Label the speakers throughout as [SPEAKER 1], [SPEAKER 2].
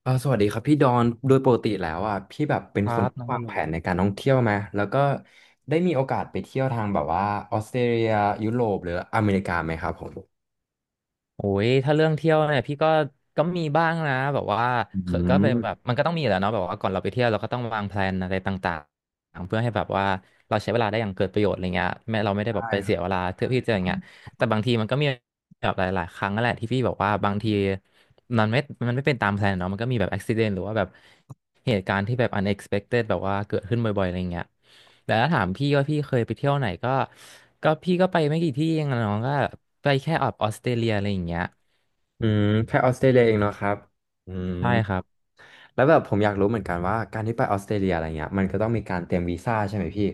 [SPEAKER 1] สวัสดีครับพี่ดอนโดยปกติแล้วอ่ะพี่แบบเป็น
[SPEAKER 2] ครั
[SPEAKER 1] คน
[SPEAKER 2] บ
[SPEAKER 1] ที่
[SPEAKER 2] น้อง
[SPEAKER 1] วา
[SPEAKER 2] ว่า
[SPEAKER 1] ง
[SPEAKER 2] โล
[SPEAKER 1] แผนในการท่องเที่ยวไหมแล้วก็ได้มีโอกาสไปเที่ยวทางแบบว่าออสเตรเลียยุโรปหรืออเมริกาไหมครับผม
[SPEAKER 2] โอ้ยถ้าเรื่องเที่ยวเนี่ยพี่ก็มีบ้างนะแบบว่า
[SPEAKER 1] อื
[SPEAKER 2] เคยก็เป็นแบบ
[SPEAKER 1] ม
[SPEAKER 2] มันก็ต้องมีแหละวเนาะแบบว่าก่อนเราไปเที่ยวเราก็ต้องวางแพลนอะไรต่างๆเพื่อให้แบบว่าเราใช้เวลาได้อย่างเกิดประโยชน์อะไรเงี้ยแม้เราไม่ได้แบบ
[SPEAKER 1] ใช่
[SPEAKER 2] ไป
[SPEAKER 1] ค
[SPEAKER 2] เสี
[SPEAKER 1] รับ
[SPEAKER 2] ยเวลาเที่ยวที่เจออย่างเงี้ยแต่บางทีมันก็มีแบบหลายๆครั้งนั่นแหละที่พี่บอกว่าบางที มันไม่มันไม่เป็นตามแผนเนาะมันก็มีแบบอุบิเหตุหรือว่าแบบเหตุการณ์ที่แบบ unexpected แบบว่าเกิดขึ้นบ่อยๆอะไรเงี้ยแต่ถ้าถามพี่ว่าพี่เคยไปเที่ยวไหนก็พี่ก็ไปไม่กี่ที่เองอะน้องก็ไปแค่อบบออสเตรเลียอะไรอย่างเงี้ย
[SPEAKER 1] อืมแค่ออสเตรเลียเองเนาะครับอืม
[SPEAKER 2] ใช่ครับ
[SPEAKER 1] แล้วแบบผมอยากรู้เหมือนกันว่าการที่ไปออสเตรเลียอะไรเงี้ยมันก็ต้องมีการเตรียมวีซ่าใช่ไหมพี่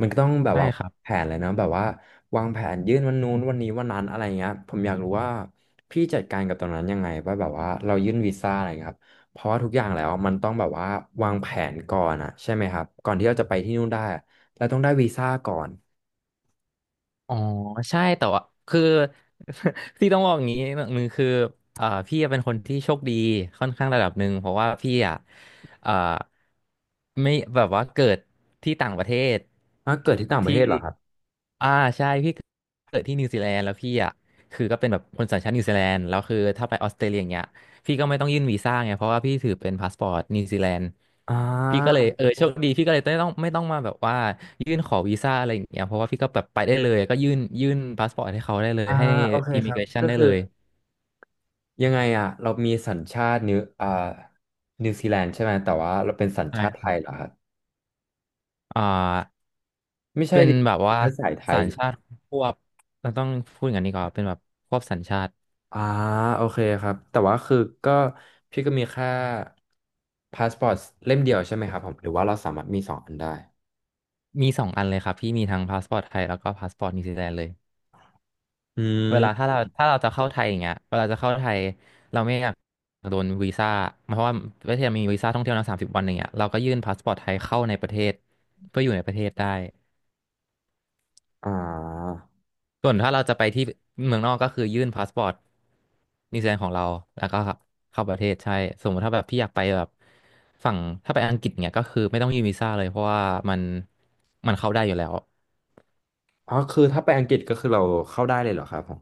[SPEAKER 1] มันก็ต้องแบบ
[SPEAKER 2] ใช่
[SPEAKER 1] ว่า
[SPEAKER 2] ครับ
[SPEAKER 1] แผนเลยเนอะแบบว่าวางแผนยื่นวันนู้นวันนี้วันนั้นอะไรเงี้ยผมอยากรู้ว่าพี่จัดการกับตรงนั้นยังไงว่าแบบว่าเรายื่นวีซ่าอะไรเงี้ยครับเพราะว่าทุกอย่างแล้วมันต้องแบบว่าวางแผนก่อนอะใช่ไหมครับก่อนที่เราจะไปที่นู่นได้อะเราต้องได้วีซ่าก่อน
[SPEAKER 2] อ๋อใช่แต่ว่าคือ ที่ต้องบอกอย่างนี้หนึ่งคือพี่เป็นคนที่โชคดีค่อนข้างระดับหนึ่งเพราะว่าพี่อ่ะเอ่อไม่แบบว่าเกิดที่ต่างประเทศ
[SPEAKER 1] อ่ะเกิดที่ต่างประเท
[SPEAKER 2] ที่
[SPEAKER 1] ศเหรอครับ
[SPEAKER 2] อ่าใช่พี่เกิดที่นิวซีแลนด์แล้วพี่อ่ะคือก็เป็นแบบคนสัญชาตินิวซีแลนด์แล้วคือถ้าไปออสเตรเลียอย่างเงี้ย พี่ก็ไม่ต้องยื่นวีซ่าไงเพราะว่าพี่ถือเป็นพาสปอร์ตนิวซีแลนด์
[SPEAKER 1] อ่
[SPEAKER 2] พี่ก็เล
[SPEAKER 1] า
[SPEAKER 2] ยเออโชคดีพี่ก็เลยไม่ต้องมาแบบว่ายื่นขอวีซ่าอะไรอย่างเงี้ยเพราะว่าพี่ก็แบบไปได้เลยก็ยื่นพาสปอร์ตให้เขาได้เลย
[SPEAKER 1] อ่า
[SPEAKER 2] ให้
[SPEAKER 1] โอเค
[SPEAKER 2] อิ
[SPEAKER 1] ค
[SPEAKER 2] มิ
[SPEAKER 1] รั
[SPEAKER 2] เก
[SPEAKER 1] บ
[SPEAKER 2] รชัน
[SPEAKER 1] ก็
[SPEAKER 2] ได้
[SPEAKER 1] คื
[SPEAKER 2] เล
[SPEAKER 1] อ
[SPEAKER 2] ย
[SPEAKER 1] ยังไงอ่ะเรามีสัญชาตินิวนิวซีแลนด์ใช่ไหมแต่ว่าเราเป็นสัญ
[SPEAKER 2] ใช่
[SPEAKER 1] ชาติ
[SPEAKER 2] ค
[SPEAKER 1] ไท
[SPEAKER 2] รั
[SPEAKER 1] ยเหรอ
[SPEAKER 2] บ
[SPEAKER 1] ครับ
[SPEAKER 2] อ่า
[SPEAKER 1] ไม่ใช่
[SPEAKER 2] เป็น
[SPEAKER 1] ดิ
[SPEAKER 2] แบบว่า
[SPEAKER 1] เชื้อสายไท
[SPEAKER 2] สั
[SPEAKER 1] ย
[SPEAKER 2] ญชา
[SPEAKER 1] อ
[SPEAKER 2] ติควบเราต้องพูดอย่างนี้ก่อนเป็นแบบควบสัญชาติ
[SPEAKER 1] อ่าโอเคครับแต่ว่าคือก็พี่ก็มีแค่พาสปอร์ตเล่มเดียวใช่ไหมครับผมหรือว่าเราสามารถมีสองอันได้
[SPEAKER 2] มีสองอันเลยครับพี่มีทั้งพาสปอร์ตไทยแล้วก็พาสปอร์ตนิวซีแลนด์เลย
[SPEAKER 1] อื
[SPEAKER 2] เวลาถ้า
[SPEAKER 1] ม
[SPEAKER 2] เราถ้าเราจะเข้าไทยอย่างเงี้ยเวลาจะเข้าไทยเราไม่อยากโดนวีซ่าเพราะว่าประเทศมีวีซ่าท่องเที่ยวนะ30 วันอย่างเงี้ยเราก็ยื่นพาสปอร์ตไทยเข้าในประเทศเพื่ออยู่ในประเทศได้
[SPEAKER 1] อ่า
[SPEAKER 2] ส่วนถ้าเราจะไปที่เมืองนอกก็คือยื่นพาสปอร์ตนิวซีแลนด์ของเราแล้วก็ครับเข้าประเทศใช่สมมติถ้าแบบพี่อยากไปแบบฝั่งถ้าไปอังกฤษเนี่ยก็คือไม่ต้องยื่นวีซ่าเลยเพราะว่ามันมันเข้าได้อยู่แล้ว
[SPEAKER 1] อ๋อคือถ้าไปอังกฤษก็คือเราเข้าได้เลยเหรอครับผม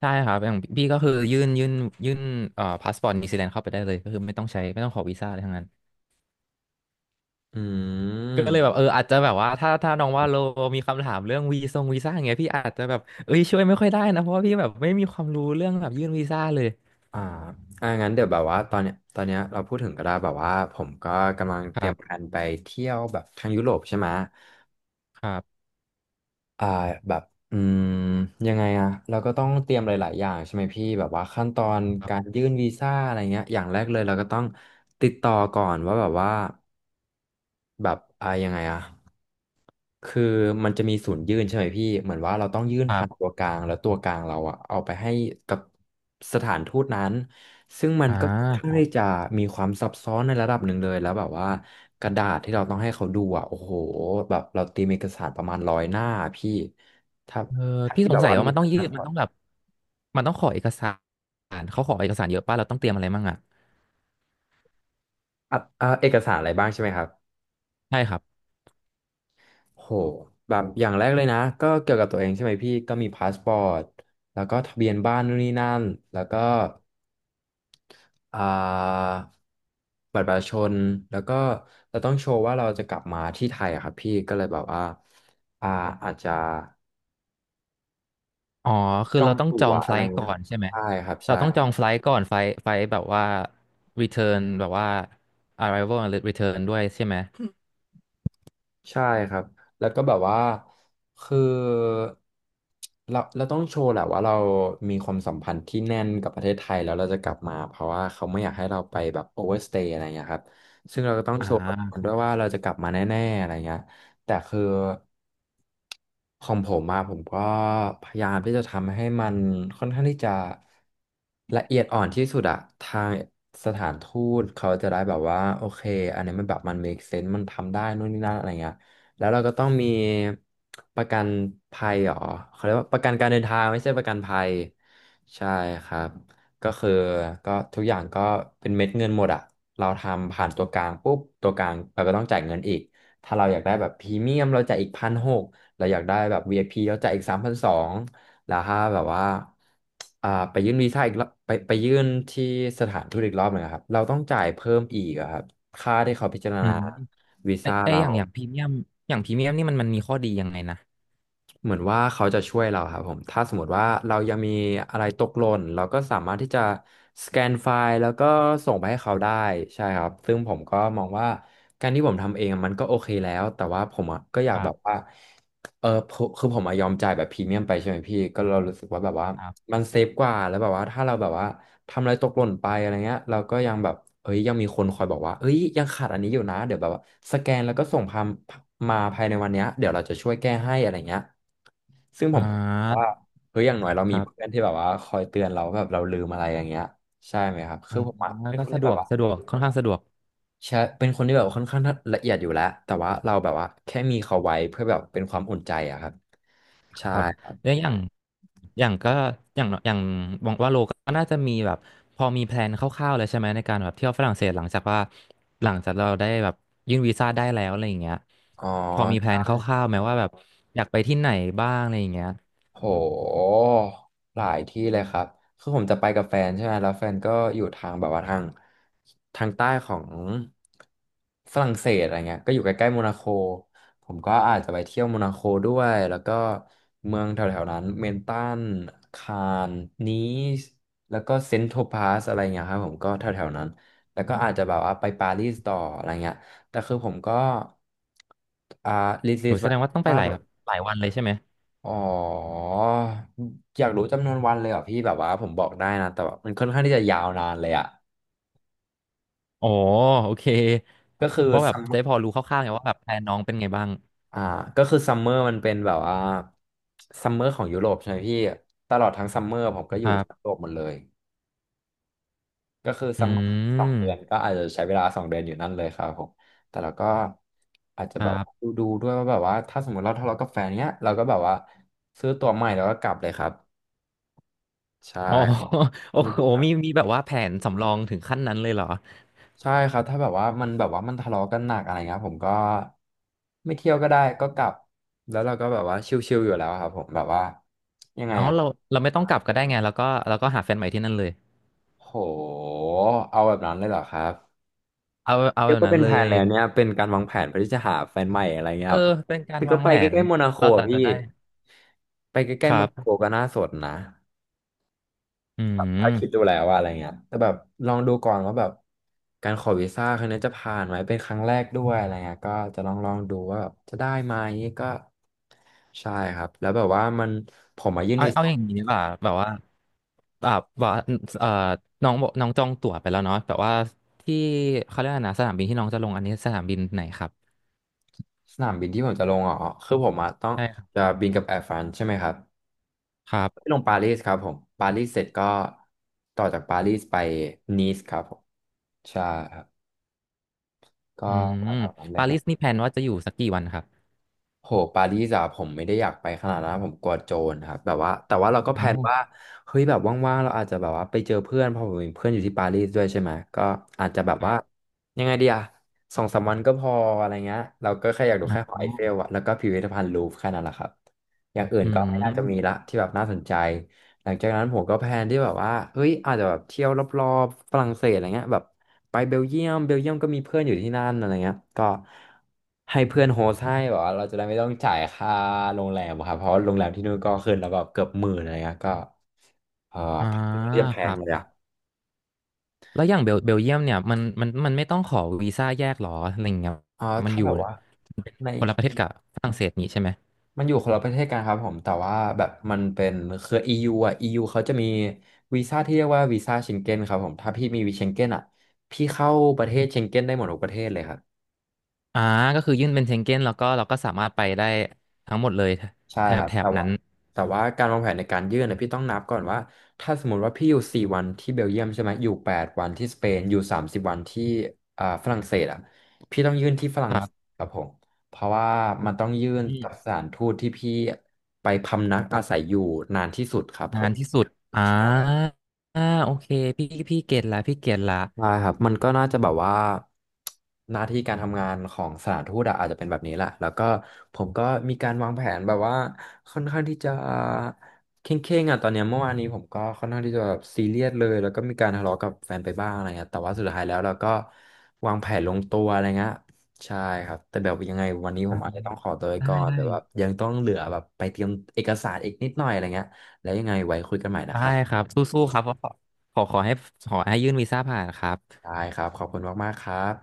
[SPEAKER 2] ใช่ครับอย่างพี่ก็คือยื่นพาสปอร์ตนิวซีแลนด์เข้าไปได้เลยก็คือไม่ต้องใช้ไม่ต้องขอวีซ่าอะไรทั้งนั้น
[SPEAKER 1] อื
[SPEAKER 2] ก็เลยแบบ
[SPEAKER 1] ม
[SPEAKER 2] เอออาจจะแบบว่าถ้าน้องว่าโลมีคำถามเรื่องวีซ่าอย่างเงี้ยพี่อาจจะแบบเอ้ยช่วยไม่ค่อยได้นะเพราะว่าพี่แบบไม่มีความรู้เรื่องแบบยื่นวีซ่าเลย
[SPEAKER 1] อ่าอ่างั้นเดี๋ยวแบบว่าตอนเนี้ยตอนเนี้ยเราพูดถึงก็ได้แบบว่าผมก็กำลัง
[SPEAKER 2] ค
[SPEAKER 1] เตรีย
[SPEAKER 2] รั
[SPEAKER 1] มแผ
[SPEAKER 2] บ
[SPEAKER 1] นไปเที่ยวแบบทางยุโรปใช่ไหม
[SPEAKER 2] ครับ
[SPEAKER 1] อ่าแบบอืมยังไงอะเราก็ต้องเตรียมหลายๆอย่างใช่ไหมพี่แบบว่าขั้นตอน
[SPEAKER 2] ครั
[SPEAKER 1] การ
[SPEAKER 2] บ
[SPEAKER 1] ยื่นวีซ่าอะไรเงี้ยอย่างแรกเลยเราก็ต้องติดต่อก่อนว่าแบบว่าแบบอ่ายังไงอะ คือมันจะมีศูนย์ยื่นใช่ไหมพี่เหมือนว่าเราต้องยื่น
[SPEAKER 2] ครั
[SPEAKER 1] ผ่านตั
[SPEAKER 2] บ
[SPEAKER 1] วกลางแล้วตัวกลางเราอะเอาไปให้กับสถานทูตนั้นซึ่งมัน
[SPEAKER 2] อ่
[SPEAKER 1] ก็ค่อนข้าง
[SPEAKER 2] า
[SPEAKER 1] ที่จะมีความซับซ้อนในระดับหนึ่งเลยแล้วแบบว่ากระดาษที่เราต้องให้เขาดูอะโอ้โหแบบเราตีมเอกสารประมาณ100 หน้าพี่ถ้า
[SPEAKER 2] เออพี่
[SPEAKER 1] พี่
[SPEAKER 2] ส
[SPEAKER 1] แบ
[SPEAKER 2] ง
[SPEAKER 1] บ
[SPEAKER 2] สัย
[SPEAKER 1] ว่า
[SPEAKER 2] ว่า
[SPEAKER 1] มีเอ
[SPEAKER 2] มันต้
[SPEAKER 1] ก
[SPEAKER 2] อง
[SPEAKER 1] ส
[SPEAKER 2] ยื่
[SPEAKER 1] ถา
[SPEAKER 2] นมัน
[SPEAKER 1] ร
[SPEAKER 2] ต้องแบบมันต้องขอเอกสารเขาขอเอกสารเยอะป่ะเราต้องเตรียมอะไรมั่งอ่ะ
[SPEAKER 1] อ่ะอ่ะเอกสารอะไรบ้างใช่ไหมครับ
[SPEAKER 2] ใช่ครับ
[SPEAKER 1] โหแบบอย่างแรกเลยนะก็เกี่ยวกับตัวเองใช่ไหมพี่ก็มีพาสปอร์ตแล้วก็ทะเบียนบ้านนู่นนี่นั่นแล้วก็ อ่าบัตรประชาชนแล้วก็เราต้องโชว์ว่าเราจะกลับมาที่ไทยอะครับพี่ก็เลยแบบว่าอ่าอาจจะ
[SPEAKER 2] อ๋อคื
[SPEAKER 1] จ
[SPEAKER 2] อ
[SPEAKER 1] อ
[SPEAKER 2] เรา
[SPEAKER 1] ง
[SPEAKER 2] ต้องจ
[SPEAKER 1] ตั๋
[SPEAKER 2] อ
[SPEAKER 1] ว
[SPEAKER 2] งไฟ
[SPEAKER 1] อะ
[SPEAKER 2] ล
[SPEAKER 1] ไร
[SPEAKER 2] ท์ก่
[SPEAKER 1] เงี้
[SPEAKER 2] อ
[SPEAKER 1] ย
[SPEAKER 2] นใช่ไหม
[SPEAKER 1] ใช่ครับ
[SPEAKER 2] เราต้องจ
[SPEAKER 1] ใช่
[SPEAKER 2] องไฟลท์ก่อนไฟล์แบบว่า return แบบว่า arrival and return ด้วยใช่ไหม
[SPEAKER 1] ใช่ครับแล้วก็แบบว่าคือเราต้องโชว์แหละว่าเรามีความสัมพันธ์ที่แน่นกับประเทศไทยแล้วเราจะกลับมาเพราะว่าเขาไม่อยากให้เราไปแบบโอเวอร์สเตย์อะไรเงี้ยครับซึ่งเราก็ต้อง
[SPEAKER 2] อ่
[SPEAKER 1] โชว์กับ
[SPEAKER 2] า
[SPEAKER 1] มันด้วยว่าเราจะกลับมาแน่ๆอะไรเงี้ย แต่คือของผมมาผมก็พยายามที่จะทำให้มันค่อนข้างที่จะละเอียดอ่อนที่สุดอะทางสถานทูตเขาจะได้แบบว่าโอเคอันนี้มันแบบมัน make sense มันทำได้นู่นนี่นั่นอะไรเงี้ยแล้วเราก็ต้องมีประกันภัยเหรอเขาเรียกว่าประกันการเดินทางไม่ใช่ประกันภัยใช่ครับก็คือก็ทุกอย่างก็เป็นเม็ดเงินหมดอะเราทำผ่านตัวกลางปุ๊บตัวกลางเราก็ต้องจ่ายเงินอีก ถ้าเราอยากได้แบบพรีเมียมเราจ่ายอีก1,600เราอยากได้แบบ VIP เราจ่ายอีก3,200แล้วถ้าแบบว่าอ่าไปยื่นวีซ่าอีกรอบไปยื่นที่สถานทูตอีกรอบหนึ่งอะครับเราต้องจ่ายเพิ่มอีกอะครับค่าที่เขาพิจาร
[SPEAKER 2] อื
[SPEAKER 1] ณา
[SPEAKER 2] ม
[SPEAKER 1] วี
[SPEAKER 2] ไอ
[SPEAKER 1] ซ่า
[SPEAKER 2] ไอ
[SPEAKER 1] เรา
[SPEAKER 2] อย่างพรีเมียมอย่างพรีเมียมนี่มันมีข้อดียังไงนะ
[SPEAKER 1] เหมือนว่าเขาจะช่วยเราครับผมถ้าสมมติว่าเรายังมีอะไรตกหล่นเราก็สามารถที่จะสแกนไฟล์แล้วก็ส่งไปให้เขาได้ใช่ครับซึ่งผมก็มองว่าการที่ผมทำเองมันก็โอเคแล้วแต่ว่าผมอะก็อยา
[SPEAKER 2] ค
[SPEAKER 1] ก
[SPEAKER 2] รั
[SPEAKER 1] แบบ
[SPEAKER 2] บ
[SPEAKER 1] ว่าผมคือผมอะยอมจ่ายแบบพรีเมียมไปใช่ไหมพี่ก็เรารู้สึกว่าแบบว่า
[SPEAKER 2] ครับ
[SPEAKER 1] มันเซฟกว่าแล้วแบบว่าถ้าเราแบบว่าทำอะไรตกหล่นไปอะไรเงี้ยเราก็ยังแบบ เอ้ยยังมีคนคอยบอกว่าเอ้ยยังขาดอันนี้อยู่นะเดี๋ยวแบบว่าสแกนแล้วก็ส่งพามมาภายในวันเนี้ยเดี๋ยวเราจะช่วยแก้ให้อะไรเงี้ยซึ่งผ
[SPEAKER 2] อ่
[SPEAKER 1] มว่า
[SPEAKER 2] า
[SPEAKER 1] เฮ้ยอย่างน้อยเรา
[SPEAKER 2] ค
[SPEAKER 1] มี
[SPEAKER 2] รั
[SPEAKER 1] เพื่อ
[SPEAKER 2] บ
[SPEAKER 1] นที่แบบว่าคอยเตือนเราแบบเราลืมอะไรอย่างเงี้ยใช่ไหมครับคื
[SPEAKER 2] อ่า
[SPEAKER 1] อผมอะเป็น
[SPEAKER 2] ก็
[SPEAKER 1] คน
[SPEAKER 2] สะ
[SPEAKER 1] ที่
[SPEAKER 2] ด
[SPEAKER 1] แบ
[SPEAKER 2] ว
[SPEAKER 1] บ
[SPEAKER 2] ก
[SPEAKER 1] ว่า
[SPEAKER 2] สะดวกค่อนข้างสะดวก
[SPEAKER 1] ใช่เป็นคนที่แบบว่าค่อนข้างละเอียดอยู่แล้วแต่ว่าเราแบบว่าแค่มีเขาไว้เพื่อแบบเป็นความอุ่นใจอะครับใช่
[SPEAKER 2] ครับแล้วอย่างอย่างก็อย่างอย่างบอกว่าโลก็น่าจะมีแบบพอมีแพลนคร่าวๆเลยใช่ไหมในการแบบเที่ยวฝรั่งเศสหลังจากเราได้แบบยื่นวีซ่าได้แล้วอะไรอย่างเงี้ย
[SPEAKER 1] อ๋อ
[SPEAKER 2] พอมีแพลนคร่าวๆไหมว่าแบบอยากไปที่ไหนบ้างอะไรอย่างเงี้ย
[SPEAKER 1] โหหลายที่เลยครับคือผมจะไปกับแฟนใช่ไหมแล้วแฟนก็อยู่ทางแบบว่าทางใต้ของฝรั่งเศสอะไรเงี้ยก็อยู่ใกล้ๆโมนาโคผมก็อาจจะไปเที่ยวโมนาโคด้วยแล้วก็เมืองแถวๆนั้นเมนตันคานนีสแล้วก็เซนต์โทพาสอะไรเงี้ยครับผมก็แถวๆนั้นแล้วก็อาจจะแบบว่าไปปารีสต่ออะไรเงี้ยแต่คือผมก็อ่าลิสต์
[SPEAKER 2] หนูแส
[SPEAKER 1] ไว้
[SPEAKER 2] ดงว่าต้องไป
[SPEAKER 1] ว่า
[SPEAKER 2] หลา
[SPEAKER 1] แบ
[SPEAKER 2] ย
[SPEAKER 1] บ
[SPEAKER 2] หลายวันเลยใช่ไหม
[SPEAKER 1] อ๋ออยากรู้จำนวนวันเลยเหรอ่ะพี่แบบว่าผมบอกได้นะแต่ว่ามันค่อนข้างที่จะยาวนานเลยอ่ะ
[SPEAKER 2] อ๋อโอเค
[SPEAKER 1] ก็คือ
[SPEAKER 2] เพราะแบ
[SPEAKER 1] ซั
[SPEAKER 2] บ
[SPEAKER 1] ม
[SPEAKER 2] จะได้พอรู้คร่าวๆไงว่าแบบแพลนน้องเป็นไงบ้าง
[SPEAKER 1] อ่าก็คือซัมเมอร์มันเป็นแบบว่าซัมเมอร์ของยุโรปใช่ไหมพี่ตลอดทั้งซัมเมอร์ผมก็อ
[SPEAKER 2] ค
[SPEAKER 1] ยู่
[SPEAKER 2] รั
[SPEAKER 1] ที่ยุ
[SPEAKER 2] บ
[SPEAKER 1] โรปหมดเลยก็คือ
[SPEAKER 2] อื
[SPEAKER 1] ซัมเมอร์สองเดือนก็
[SPEAKER 2] ม
[SPEAKER 1] อาจจะใช้เวลาสองเดือนอยู่นั่นเลยครับผมแต่เราก็อาจจะ
[SPEAKER 2] ค
[SPEAKER 1] แบ
[SPEAKER 2] รั
[SPEAKER 1] บ
[SPEAKER 2] บ
[SPEAKER 1] ดูด้วยว่าแบบว่าถ้าสมมติเราทะเลาะกับแฟนเนี้ยเราก็แบบว่าซื้อตั๋วใหม่แล้วก็กลับเลยครับใช่
[SPEAKER 2] อ๋อ โอ้
[SPEAKER 1] ต้อง
[SPEAKER 2] โห
[SPEAKER 1] ดู
[SPEAKER 2] มีแบบว่าแผนสำรองถึงขั้นนั้นเลยเหรอ
[SPEAKER 1] ใช่ครับถ้าแบบว่ามันแบบว่ามันทะเลาะกันหนักอะไรเงี้ยผมก็ไม่เที่ยวก็ได้ก็กลับแล้วเราก็แบบว่าชิลๆอยู่แล้วครับผมแบบว่ายังไง
[SPEAKER 2] เอา
[SPEAKER 1] อ่ะ
[SPEAKER 2] เราไม่ต้องกลับก็ได้ไงแล้วก็หาแฟนใหม่ที่นั่นเลย
[SPEAKER 1] โหเอาแบบนั้นเลยเหรอครับ
[SPEAKER 2] เอา
[SPEAKER 1] เดี๋
[SPEAKER 2] แบ
[SPEAKER 1] ยว
[SPEAKER 2] บ
[SPEAKER 1] ก็
[SPEAKER 2] นั้น
[SPEAKER 1] เป็น
[SPEAKER 2] เล
[SPEAKER 1] แผน
[SPEAKER 2] ย
[SPEAKER 1] แล้วเนี่ยเป็นการวางแผนเพื่อที่จะหาแฟนใหม่อะไรเงี้ย
[SPEAKER 2] เอ
[SPEAKER 1] ค
[SPEAKER 2] อ
[SPEAKER 1] รับ
[SPEAKER 2] เป็นกา
[SPEAKER 1] แต่
[SPEAKER 2] ร
[SPEAKER 1] ก็
[SPEAKER 2] วาง
[SPEAKER 1] ไป
[SPEAKER 2] แผ
[SPEAKER 1] ใก
[SPEAKER 2] น
[SPEAKER 1] ล้ๆโมนาโค
[SPEAKER 2] เรา
[SPEAKER 1] อะ
[SPEAKER 2] จะ
[SPEAKER 1] พี่
[SPEAKER 2] จะได้
[SPEAKER 1] ไปใก
[SPEAKER 2] ค
[SPEAKER 1] ล้ๆ
[SPEAKER 2] รั
[SPEAKER 1] โมนาโค
[SPEAKER 2] บ
[SPEAKER 1] ก็น่าสนนะ
[SPEAKER 2] อื
[SPEAKER 1] ถ้าคิดดู
[SPEAKER 2] ม
[SPEAKER 1] แล้วว่าอะไรเงี้ยแต่แบบลองดูก่อนว่าแบบการขอวีซ่าครั้งนี้จะผ่านไหมเป็นครั้งแรกด้วยอะไรเงี้ยก็จะลองดูว่าแบบจะได้ไหมก็ใช่ครับแล้วแบบว่ามันผมมายื่น
[SPEAKER 2] เอา
[SPEAKER 1] วี
[SPEAKER 2] เอา
[SPEAKER 1] ซ่า
[SPEAKER 2] อย่างนี้ดีกว่าแบบว่าเอ่อน้องบอกน้องจองตั๋วไปแล้วเนาะแบบว่าที่เขาเรียกอะไรนะสนามบินที่น้องจะลงอันนี้สนามบินไหนครับ
[SPEAKER 1] สนามบินที่ผมจะลงอ๋อคือผมอะต้องจะบินกับแอร์ฟรานซ์ใช่ไหมครับ
[SPEAKER 2] ครั
[SPEAKER 1] ไป
[SPEAKER 2] บ
[SPEAKER 1] ลงปารีสครับผมปารีสเสร็จก็ต่อจากปารีสไปนีสครับผมใช่ครับก็
[SPEAKER 2] อืม
[SPEAKER 1] แถวๆนั้นเลย
[SPEAKER 2] ปา
[SPEAKER 1] ค
[SPEAKER 2] รี
[SPEAKER 1] รั
[SPEAKER 2] ส
[SPEAKER 1] บ
[SPEAKER 2] นี่แพลนว่าจะอยู่สักกี่วันครับ
[SPEAKER 1] โหปารีสอะผมไม่ได้อยากไปขนาดนั้นผมกลัวโจรครับแบบว่าแต่ว่าเราก็แพล
[SPEAKER 2] เอา
[SPEAKER 1] นว่าเฮ้ยแบบว่างๆเราอาจจะแบบว่าไปเจอเพื่อนเพราะผมมีเพื่อนอยู่ที่ปารีสด้วยใช่ไหมก็อาจจะแบบ
[SPEAKER 2] ครั
[SPEAKER 1] ว่า
[SPEAKER 2] บ
[SPEAKER 1] ยังไงดีอะสองสามวันก็พออะไรเงี้ยเราก็แค่อยากดู
[SPEAKER 2] อ่
[SPEAKER 1] แค่หอไอเฟล
[SPEAKER 2] า
[SPEAKER 1] อะแล้วก็พิพิธภัณฑ์ลูฟร์แค่นั้นแหละครับอย่างอื่น
[SPEAKER 2] อื
[SPEAKER 1] ก็ไม่น่าจะมีละ
[SPEAKER 2] ม
[SPEAKER 1] ที่แบบน่าสนใจ หลังจากนั้นผมก็แพลนที่แบบว่าเฮ้ยอาจจะแบบเที่ยวรอบๆฝรั่งเศสอะไรเงี้ยแบบไปเบลเยียมเบลเยียมก็มีเพื่อนอยู่ที่นั่นอะไรเงี้ยก็ให้เพื่อนโฮสต์ให้แบบว่าเราจะได้ไม่ต้องจ่ายค่าโรงแรมครับเพราะว่าโรงแรมที่นู่นก็ขึ้นแล้วแบบเกือบหมื่นอะไรเงี้ยก็เออ
[SPEAKER 2] อ่า
[SPEAKER 1] เรียกแพ
[SPEAKER 2] ค
[SPEAKER 1] ง
[SPEAKER 2] รั
[SPEAKER 1] เลย
[SPEAKER 2] บ
[SPEAKER 1] อะ
[SPEAKER 2] แล้วอย่างเบลเยียมเนี่ยมันไม่ต้องขอวีซ่าแยกหรออะไรเงี้ยมัน
[SPEAKER 1] ถ้า
[SPEAKER 2] อ
[SPEAKER 1] แบ
[SPEAKER 2] ยู่
[SPEAKER 1] บว่าใน
[SPEAKER 2] คนละประเทศกับฝรั่งเศสนี่ใช่ไหม
[SPEAKER 1] มันอยู่คนละประเทศกันครับผม แต่ว่าแบบมันเป็นเครือ EU อ่ะ EU เขาจะมีวีซ่าที่เรียกว่าวีซ่าเชงเก้นครับผม ถ้าพี่มีวีเชงเก้นอ่ะ พี่เข้าประเทศเชงเก้นได้หมดทุกประเทศเลยครับ
[SPEAKER 2] อ่าก็คือยื่นเป็นเชงเก้นแล้วก็เราก็สามารถไปได้ทั้งหมดเลย
[SPEAKER 1] ใช่
[SPEAKER 2] แถ
[SPEAKER 1] ค
[SPEAKER 2] บ
[SPEAKER 1] รับ
[SPEAKER 2] แถ
[SPEAKER 1] แต่
[SPEAKER 2] บนั้
[SPEAKER 1] ว่า
[SPEAKER 2] น
[SPEAKER 1] แต่ว่าการวางแผนในการยื่นเนี่ยพี่ต้องนับก่อนว่าถ้าสมมติว่าพี่อยู่4 วันที่เบลเยียมใช่ไหมอยู่8 วันที่สเปนอยู่30 วันที่ฝรั่งเศสอ่ะพี่ต้องยื่นที่ฝรั่
[SPEAKER 2] ค
[SPEAKER 1] ง
[SPEAKER 2] รั
[SPEAKER 1] เศส
[SPEAKER 2] บ
[SPEAKER 1] ครับผมเพราะว่ามันต้องยื่น
[SPEAKER 2] อื
[SPEAKER 1] กับส
[SPEAKER 2] ม
[SPEAKER 1] ถานทูตที่พี่ไปพำนักอาศัยอยู่นานที่สุดครับผ
[SPEAKER 2] นาน
[SPEAKER 1] ม
[SPEAKER 2] ที่สุดอ่าอ่าโอเคพี่เก็ตละพี่เก็ตละ
[SPEAKER 1] ใช่ครับมันก็น่าจะแบบว่าหน้าที่การทำงานของสถานทูตอะอาจจะเป็นแบบนี้แหละแล้วก็ผมก็มีการวางแผนแบบว่าค่อนข้างที่จะเคร่งๆอ่ะตอนเนี้ยเมื่อวานนี้ผมก็ค่อนข้างที่จะแบบซีเรียสเลยแล้วก็มีการทะเลาะกับแฟนไปบ้างอะไรเงี้ยแต่ว่าสุดท้ายแล้วเราก็วางแผนลงตัวอะไรเงี้ยใช่ครับแต่แบบยังไงวันนี้ผ
[SPEAKER 2] อ่า
[SPEAKER 1] มอาจจะต้องขอตัวไป
[SPEAKER 2] ได้
[SPEAKER 1] ก่อน
[SPEAKER 2] ได้
[SPEAKER 1] แต่ว่ายังต้องเหลือแบบไปเตรียมเอกสารอีกนิดหน่อยอะไรเงี้ยแล้วยังไงไว้คุยกันใหม่นะ
[SPEAKER 2] ได้
[SPEAKER 1] ครับ
[SPEAKER 2] ครับสู้ๆครับขอให้ขอให้ยื่นวีซ่าผ่านครับ
[SPEAKER 1] ได้ครับขอบคุณมากๆครับ